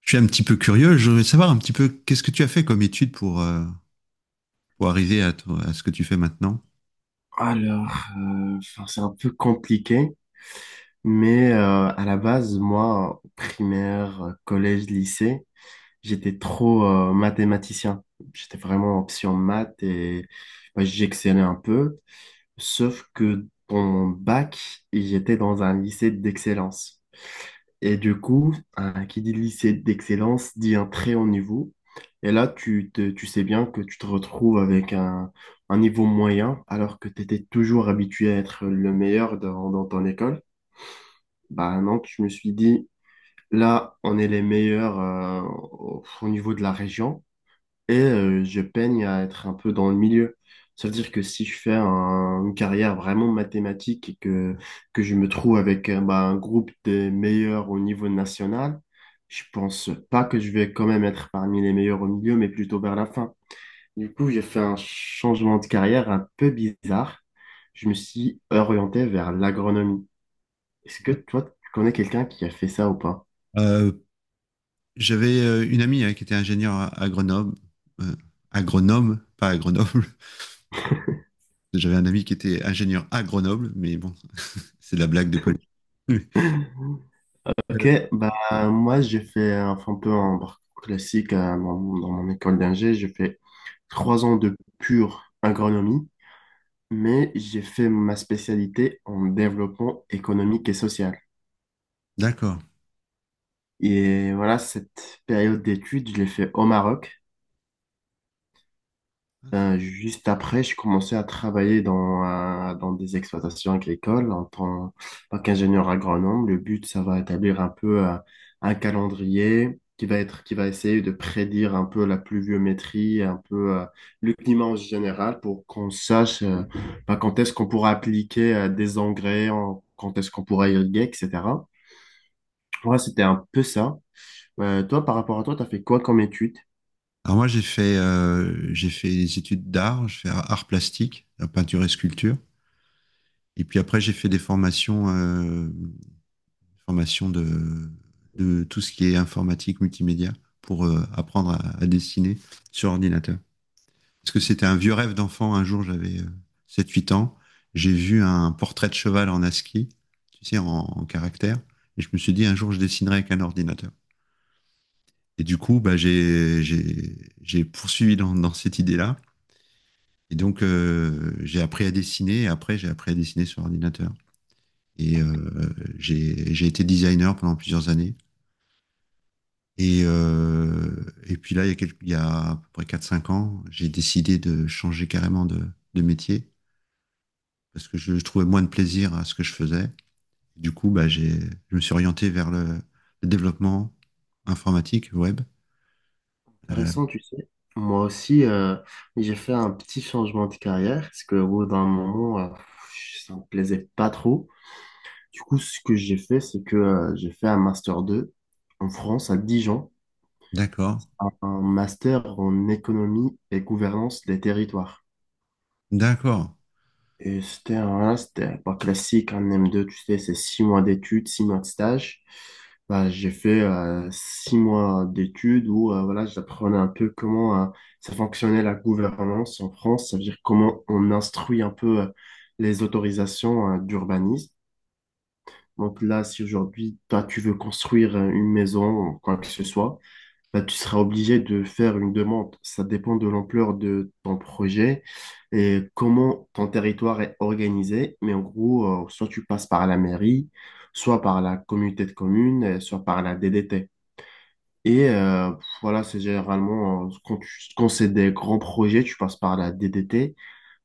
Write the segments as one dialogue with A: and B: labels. A: Je suis un petit peu curieux. Je voudrais savoir un petit peu qu'est-ce que tu as fait comme étude pour arriver à ce que tu fais maintenant.
B: Alors, enfin, c'est un peu compliqué, mais à la base, moi, primaire, collège, lycée, j'étais trop mathématicien. J'étais vraiment option maths et bah, j'excellais un peu. Sauf que dans mon bac, j'étais dans un lycée d'excellence. Et du coup, qui dit lycée d'excellence dit un très haut niveau. Et là, tu sais bien que tu te retrouves avec un niveau moyen, alors que tu étais toujours habitué à être le meilleur dans ton école. Bah non, je me suis dit, là, on est les meilleurs au niveau de la région et je peigne à être un peu dans le milieu. Ça veut dire que si je fais une carrière vraiment mathématique et que je me trouve avec bah, un groupe des meilleurs au niveau national, je pense pas que je vais quand même être parmi les meilleurs au milieu, mais plutôt vers la fin. Du coup, j'ai fait un changement de carrière un peu bizarre. Je me suis orienté vers l'agronomie. Est-ce que toi, tu connais quelqu'un qui a fait ça ou pas?
A: Euh, j'avais une amie, hein, qui était ingénieure euh, agronome, pas à Grenoble. J'avais un ami qui était ingénieur à Grenoble, mais bon, c'est de la blague de police.
B: Ok,
A: Euh,
B: bah moi j'ai fait un peu un parcours classique dans mon école d'ingé. J'ai fait 3 ans de pure agronomie, mais j'ai fait ma spécialité en développement économique et social.
A: D'accord.
B: Et voilà, cette période d'études, je l'ai fait au Maroc.
A: Ah,
B: Juste après, je commençais à travailler dans des exploitations agricoles en tant qu'ingénieur agronome. Le but, ça va établir un peu un calendrier qui va être, qui va essayer de prédire un peu la pluviométrie, un peu le climat en général pour qu'on sache bah, quand est-ce qu'on pourra appliquer des engrais, quand est-ce qu'on pourra irriguer, etc. Ouais, c'était un peu ça. Toi, par rapport à toi, tu as fait quoi comme étude?
A: alors, moi, j'ai fait des études d'art. Je fais art plastique, la peinture et sculpture. Et puis après, j'ai fait des formations, formation de tout ce qui est informatique, multimédia, pour apprendre à, dessiner sur ordinateur. Parce que c'était un vieux rêve d'enfant. Un jour, j'avais 7-8 ans. J'ai vu un portrait de cheval en ASCII, tu sais, en caractère. Et je me suis dit, un jour, je dessinerai avec un ordinateur. Et du coup, bah, j'ai poursuivi dans cette idée-là. Et donc, j'ai appris à dessiner. Et après, j'ai appris à dessiner sur ordinateur. Et j'ai été designer pendant plusieurs années. Et puis là, il y a à peu près quatre cinq ans, j'ai décidé de changer carrément de métier parce que je trouvais moins de plaisir à ce que je faisais. Du coup, bah, je me suis orienté vers le développement informatique web. Euh,
B: Intéressant, tu sais. Moi aussi, j'ai fait un petit changement de carrière parce que au bout d'un moment, ça me plaisait pas trop. Du coup, ce que j'ai fait, c'est que j'ai fait un master 2 en France, à Dijon,
A: d'accord,
B: un master en économie et gouvernance des territoires.
A: d'accord.
B: Et c'était voilà, c'était pas classique, un M2, tu sais, c'est 6 mois d'études, 6 mois de stage. Bah, j'ai fait 6 mois d'études où voilà, j'apprenais un peu comment ça fonctionnait la gouvernance en France, ça veut dire comment on instruit un peu les autorisations d'urbanisme. Donc là, si aujourd'hui, toi, tu veux construire une maison ou quoi que ce soit, bah, tu seras obligé de faire une demande. Ça dépend de l'ampleur de ton projet et comment ton territoire est organisé. Mais en gros, soit tu passes par la mairie, soit par la communauté de communes, et soit par la DDT. Et voilà, c'est généralement, quand c'est des grands projets, tu passes par la DDT.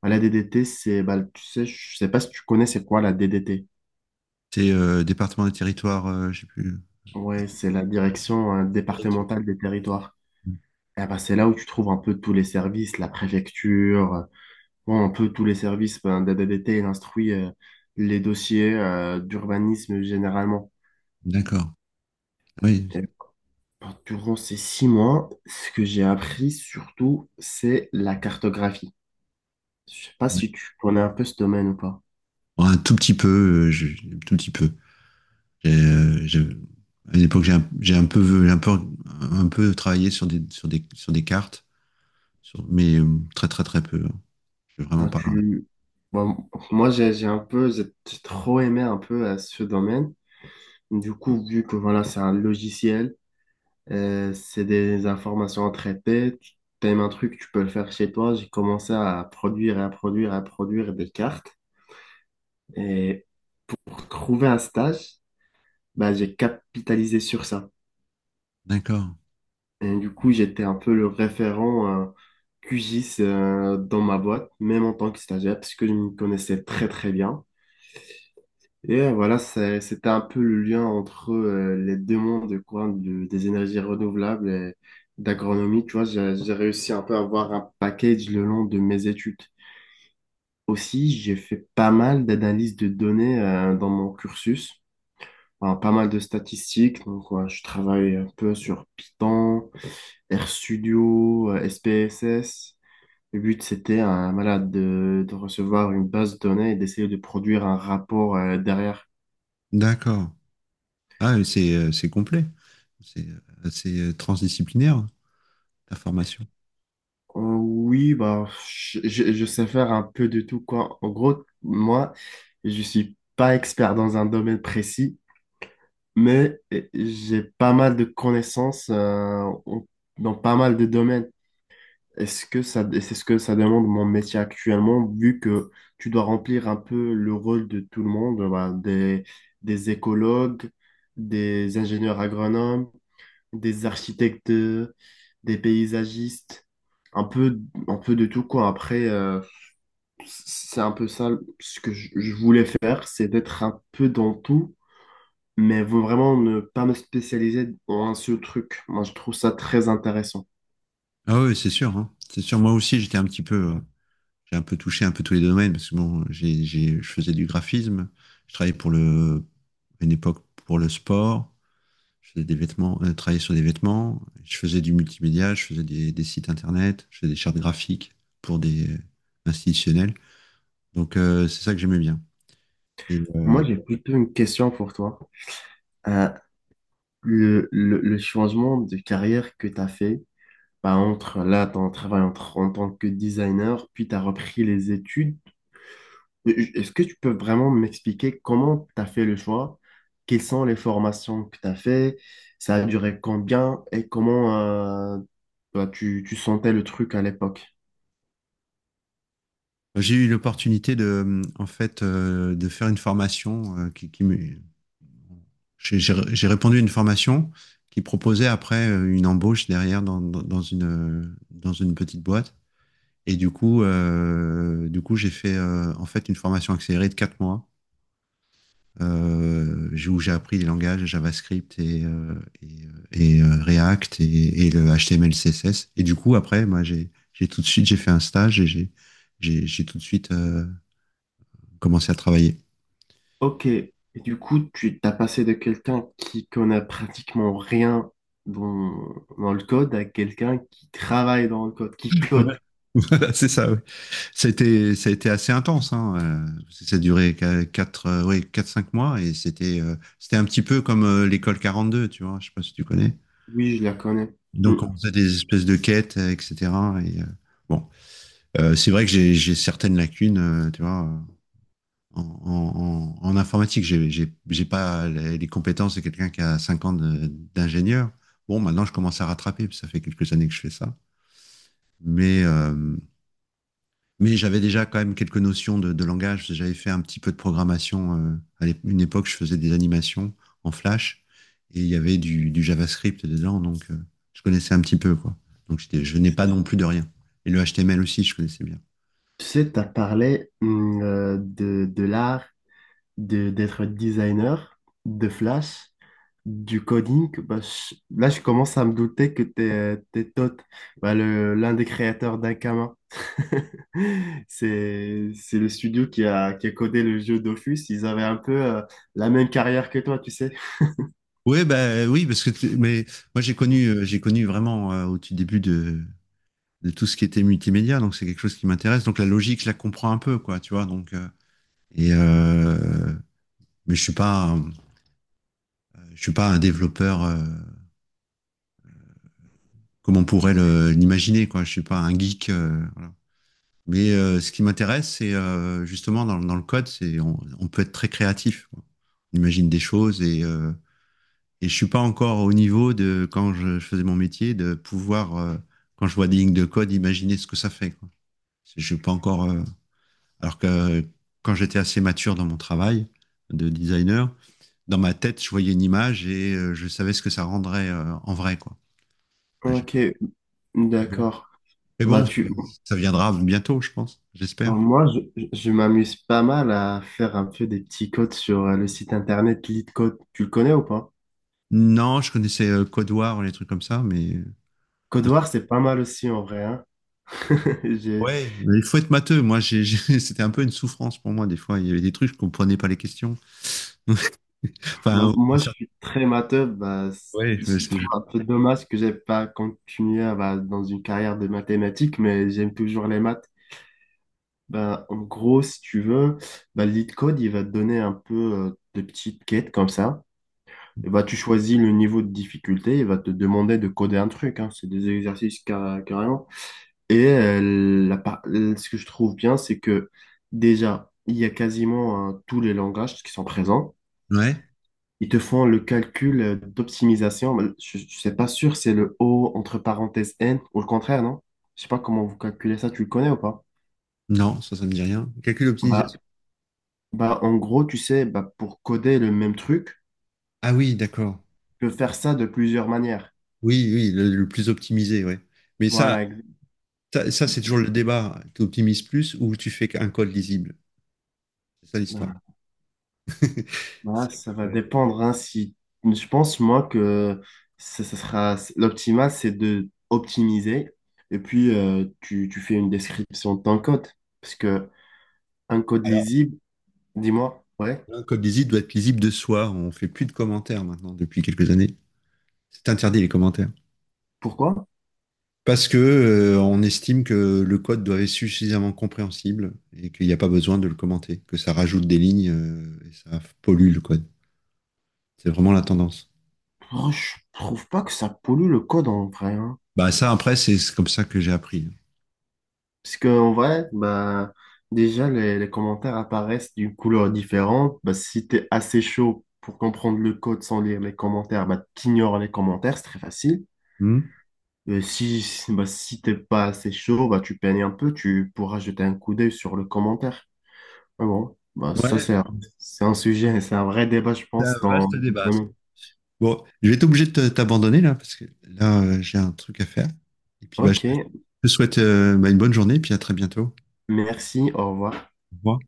B: Bah, la DDT, c'est, bah, tu sais, je sais pas si tu connais, c'est quoi la DDT?
A: C'est département des territoires, je sais plus.
B: Ouais, c'est la direction
A: Direction.
B: départementale des territoires. Eh ben, c'est là où tu trouves un peu tous les services, la préfecture. Un peu tous les services, ben, DADDT, il instruit les dossiers d'urbanisme généralement.
A: D'accord. Oui.
B: Et ben, durant ces 6 mois, ce que j'ai appris surtout, c'est la cartographie. Je sais pas si tu connais un peu ce domaine ou pas.
A: Bon, un tout petit peu, euh, je- un tout petit peu. J'ai, à une époque, j'ai un peu, un peu travaillé sur des cartes, mais très, très, très peu, hein. Je suis vraiment
B: Ben,
A: pas.
B: bon, moi, j'ai trop aimé un peu ce domaine. Du coup, vu que voilà, c'est un logiciel, c'est des informations à traiter, tu aimes un truc, tu peux le faire chez toi. J'ai commencé à produire et à produire et à produire des cartes. Et pour trouver un stage, bah, j'ai capitalisé sur ça.
A: D'accord,
B: Et du coup, j'étais un peu le référent QGIS dans ma boîte, même en tant que stagiaire, parce que je me connaissais très très bien. Et voilà, c'était un peu le lien entre les deux mondes, quoi, des énergies renouvelables et d'agronomie. Tu vois, j'ai réussi un peu à avoir un package le long de mes études. Aussi, j'ai fait pas mal d'analyses de données dans mon cursus. Alors, pas mal de statistiques. Donc, ouais, je travaille un peu sur Python, RStudio, SPSS. Le but, c'était un malade de recevoir une base de données et d'essayer de produire un rapport derrière.
A: d'accord. Ah, c'est complet. C'est assez transdisciplinaire, ta formation.
B: Oui, bah, je sais faire un peu de tout, quoi. En gros, moi, je suis pas expert dans un domaine précis, mais j'ai pas mal de connaissances dans pas mal de domaines. Est-ce que ça, et c'est ce que ça demande mon métier actuellement, vu que tu dois remplir un peu le rôle de tout le monde, voilà, des écologues, des ingénieurs agronomes, des architectes, des paysagistes, un peu, un peu, de tout, quoi. Après, c'est un peu ça ce que je voulais faire, c'est d'être un peu dans tout, mais vraiment ne pas me spécialiser dans un seul truc. Moi, je trouve ça très intéressant.
A: Ah oui, c'est sûr, hein. C'est sûr. Moi aussi, j'étais un petit peu, j'ai un peu touché un peu tous les domaines parce que bon, je faisais du graphisme. Je travaillais à une époque pour le sport. Je faisais des vêtements, travaillais sur des vêtements, je faisais du multimédia, je faisais des sites internet, je faisais des chartes graphiques pour des institutionnels. Donc, c'est ça que j'aimais bien. Et
B: Moi, j'ai plutôt une question pour toi. Euh, le changement de carrière que tu as fait, bah, entre là, ton travail entre, en tant que designer, puis tu as repris les études. Est-ce que tu peux vraiment m'expliquer comment tu as fait le choix? Quelles sont les formations que tu as fait? Ça a duré combien? Et comment euh, bah, tu sentais le truc à l'époque?
A: j'ai eu l'opportunité en fait, de faire une formation, qui me- j'ai répondu à une formation qui proposait après une embauche derrière dans une petite boîte. Et du coup, j'ai fait, en fait, une formation accélérée de 4 mois, où j'ai appris les langages JavaScript et React et le HTML, CSS. Et du coup, après, moi, j'ai tout de suite, j'ai fait un stage et j'ai tout de suite commencé à travailler.
B: Ok, et du coup, tu t'as passé de quelqu'un qui connaît pratiquement rien dans, dans le code à quelqu'un qui travaille dans le code, qui
A: Ouais.
B: code.
A: C'est ça, ouais. Ça a été assez intense, hein. Ça a duré 4 quatre cinq mois et c'était, c'était un petit peu comme l'école 42, tu vois, je sais pas si tu connais.
B: Oui, je la connais. Mm.
A: Donc, on faisait des espèces de quêtes, etc. Et, bon, c'est vrai que j'ai certaines lacunes, tu vois, en informatique, j'ai pas les compétences de quelqu'un qui a 5 ans d'ingénieur. Bon, maintenant, je commence à rattraper, parce que ça fait quelques années que je fais ça. Mais, euh, mais j'avais déjà quand même quelques notions de langage, parce que j'avais fait un petit peu de programmation. À une époque, je faisais des animations en Flash, et il y avait du JavaScript dedans, donc je connaissais un petit peu, quoi. Donc, je n'ai pas non plus de rien. Et le HTML aussi, je connaissais bien.
B: Tu sais, t'as parlé de l'art d'être designer, de Flash, du coding. Bah, là, je commence à me douter que t'es Toth, bah, l'un des créateurs d'Akama. C'est le studio qui a codé le jeu Dofus. Ils avaient un peu la même carrière que toi, tu sais.
A: Ouais, bah oui, parce que mais moi j'ai connu vraiment, au tout début de tout ce qui était multimédia, donc c'est quelque chose qui m'intéresse. Donc, la logique, je la comprends un peu, quoi, tu vois. Et euh, mais je suis pas un développeur, comme on pourrait l'imaginer, quoi. Je suis pas un geek. Mais ce qui m'intéresse, c'est, justement dans le code, c'est on peut être très créatif, quoi. On imagine des choses, et je suis pas encore au niveau de quand je faisais mon métier de pouvoir, quand je vois des lignes de code, imaginer ce que ça fait, quoi. Je suis pas encore, alors que quand j'étais assez mature dans mon travail de designer, dans ma tête, je voyais une image et, je savais ce que ça rendrait, en vrai, quoi. Là, j'ai
B: Ok,
A: pas- Mais bon,
B: d'accord.
A: mais
B: Bah
A: bon, ça,
B: tu,
A: ça viendra bientôt, je pense,
B: bah,
A: j'espère.
B: moi je m'amuse pas mal à faire un peu des petits codes sur le site internet LeetCode. Tu le connais ou pas?
A: Non, je connaissais, Code War, les trucs comme ça, mais...
B: Code War, c'est pas mal aussi en vrai, hein. J'ai.
A: Ouais, mais il faut être matheux. Moi, c'était un peu une souffrance pour moi. Des fois, il y avait des trucs, je comprenais pas les questions.
B: Bon,
A: Enfin,
B: moi, je suis très matheux. Bah,
A: ouais,
B: je trouve un peu dommage que j'ai pas continué bah, dans une carrière de mathématiques, mais j'aime toujours les maths. Bah, en gros, si tu veux, bah, LeetCode, il va te donner un peu de petites quêtes comme ça. Et bah, tu choisis le niveau de difficulté, il va te demander de coder un truc, hein. C'est des exercices carrément. Et ce que je trouve bien, c'est que déjà, il y a quasiment tous les langages qui sont présents.
A: ouais.
B: Ils te font le calcul d'optimisation. Bah, je ne sais pas sûr, c'est le O entre parenthèses N ou le contraire, non? Je sais pas comment vous calculez ça, tu le connais ou pas?
A: Non, ça me dit rien. Calcul
B: Bah,
A: optimisation.
B: en gros, tu sais, bah, pour coder le même truc,
A: Ah oui, d'accord.
B: tu peux faire ça de plusieurs manières.
A: Oui, oui, le plus optimisé, ouais. Mais ça,
B: Voilà,
A: ça, ça, c'est toujours le débat. Tu optimises plus ou tu fais un code lisible? C'est ça l'histoire.
B: bah,
A: C'est que-
B: ça va
A: euh,
B: dépendre, hein. Si... je pense, moi, que ça sera... l'optimal, c'est de optimiser et puis tu fais une description de ton code. Parce que un code
A: Alors,
B: lisible, dis-moi, ouais,
A: un code lisible doit être lisible de soi. On fait plus de commentaires maintenant depuis quelques années. C'est interdit les commentaires.
B: pourquoi?
A: Parce que, on estime que le code doit être suffisamment compréhensible et qu'il n'y a pas besoin de le commenter, que ça rajoute des lignes, et ça pollue le code. C'est vraiment la tendance.
B: Oh, je trouve pas que ça pollue le code en vrai, hein.
A: Bah ça, après, c'est comme ça que j'ai appris.
B: Parce que en vrai, bah déjà les commentaires apparaissent d'une couleur différente. Bah, si t'es assez chaud pour comprendre le code sans lire les commentaires, bah t'ignores les commentaires, c'est très facile.
A: Hmm,
B: Et bah si t'es pas assez chaud, bah tu peignes un peu, tu pourras jeter un coup d'œil sur le commentaire. Mais bon, bah ça
A: ouais,
B: c'est un, sujet, c'est un vrai débat, je
A: c'est un
B: pense, dans.
A: vaste
B: dans- le
A: débat, ça.
B: domaine.
A: Bon, je vais être obligé de t'abandonner là, parce que là, j'ai un truc à faire. Et puis, bah, je
B: Ok,
A: te je te souhaite, bah, une bonne journée et puis à très bientôt.
B: merci, au revoir.
A: Au revoir.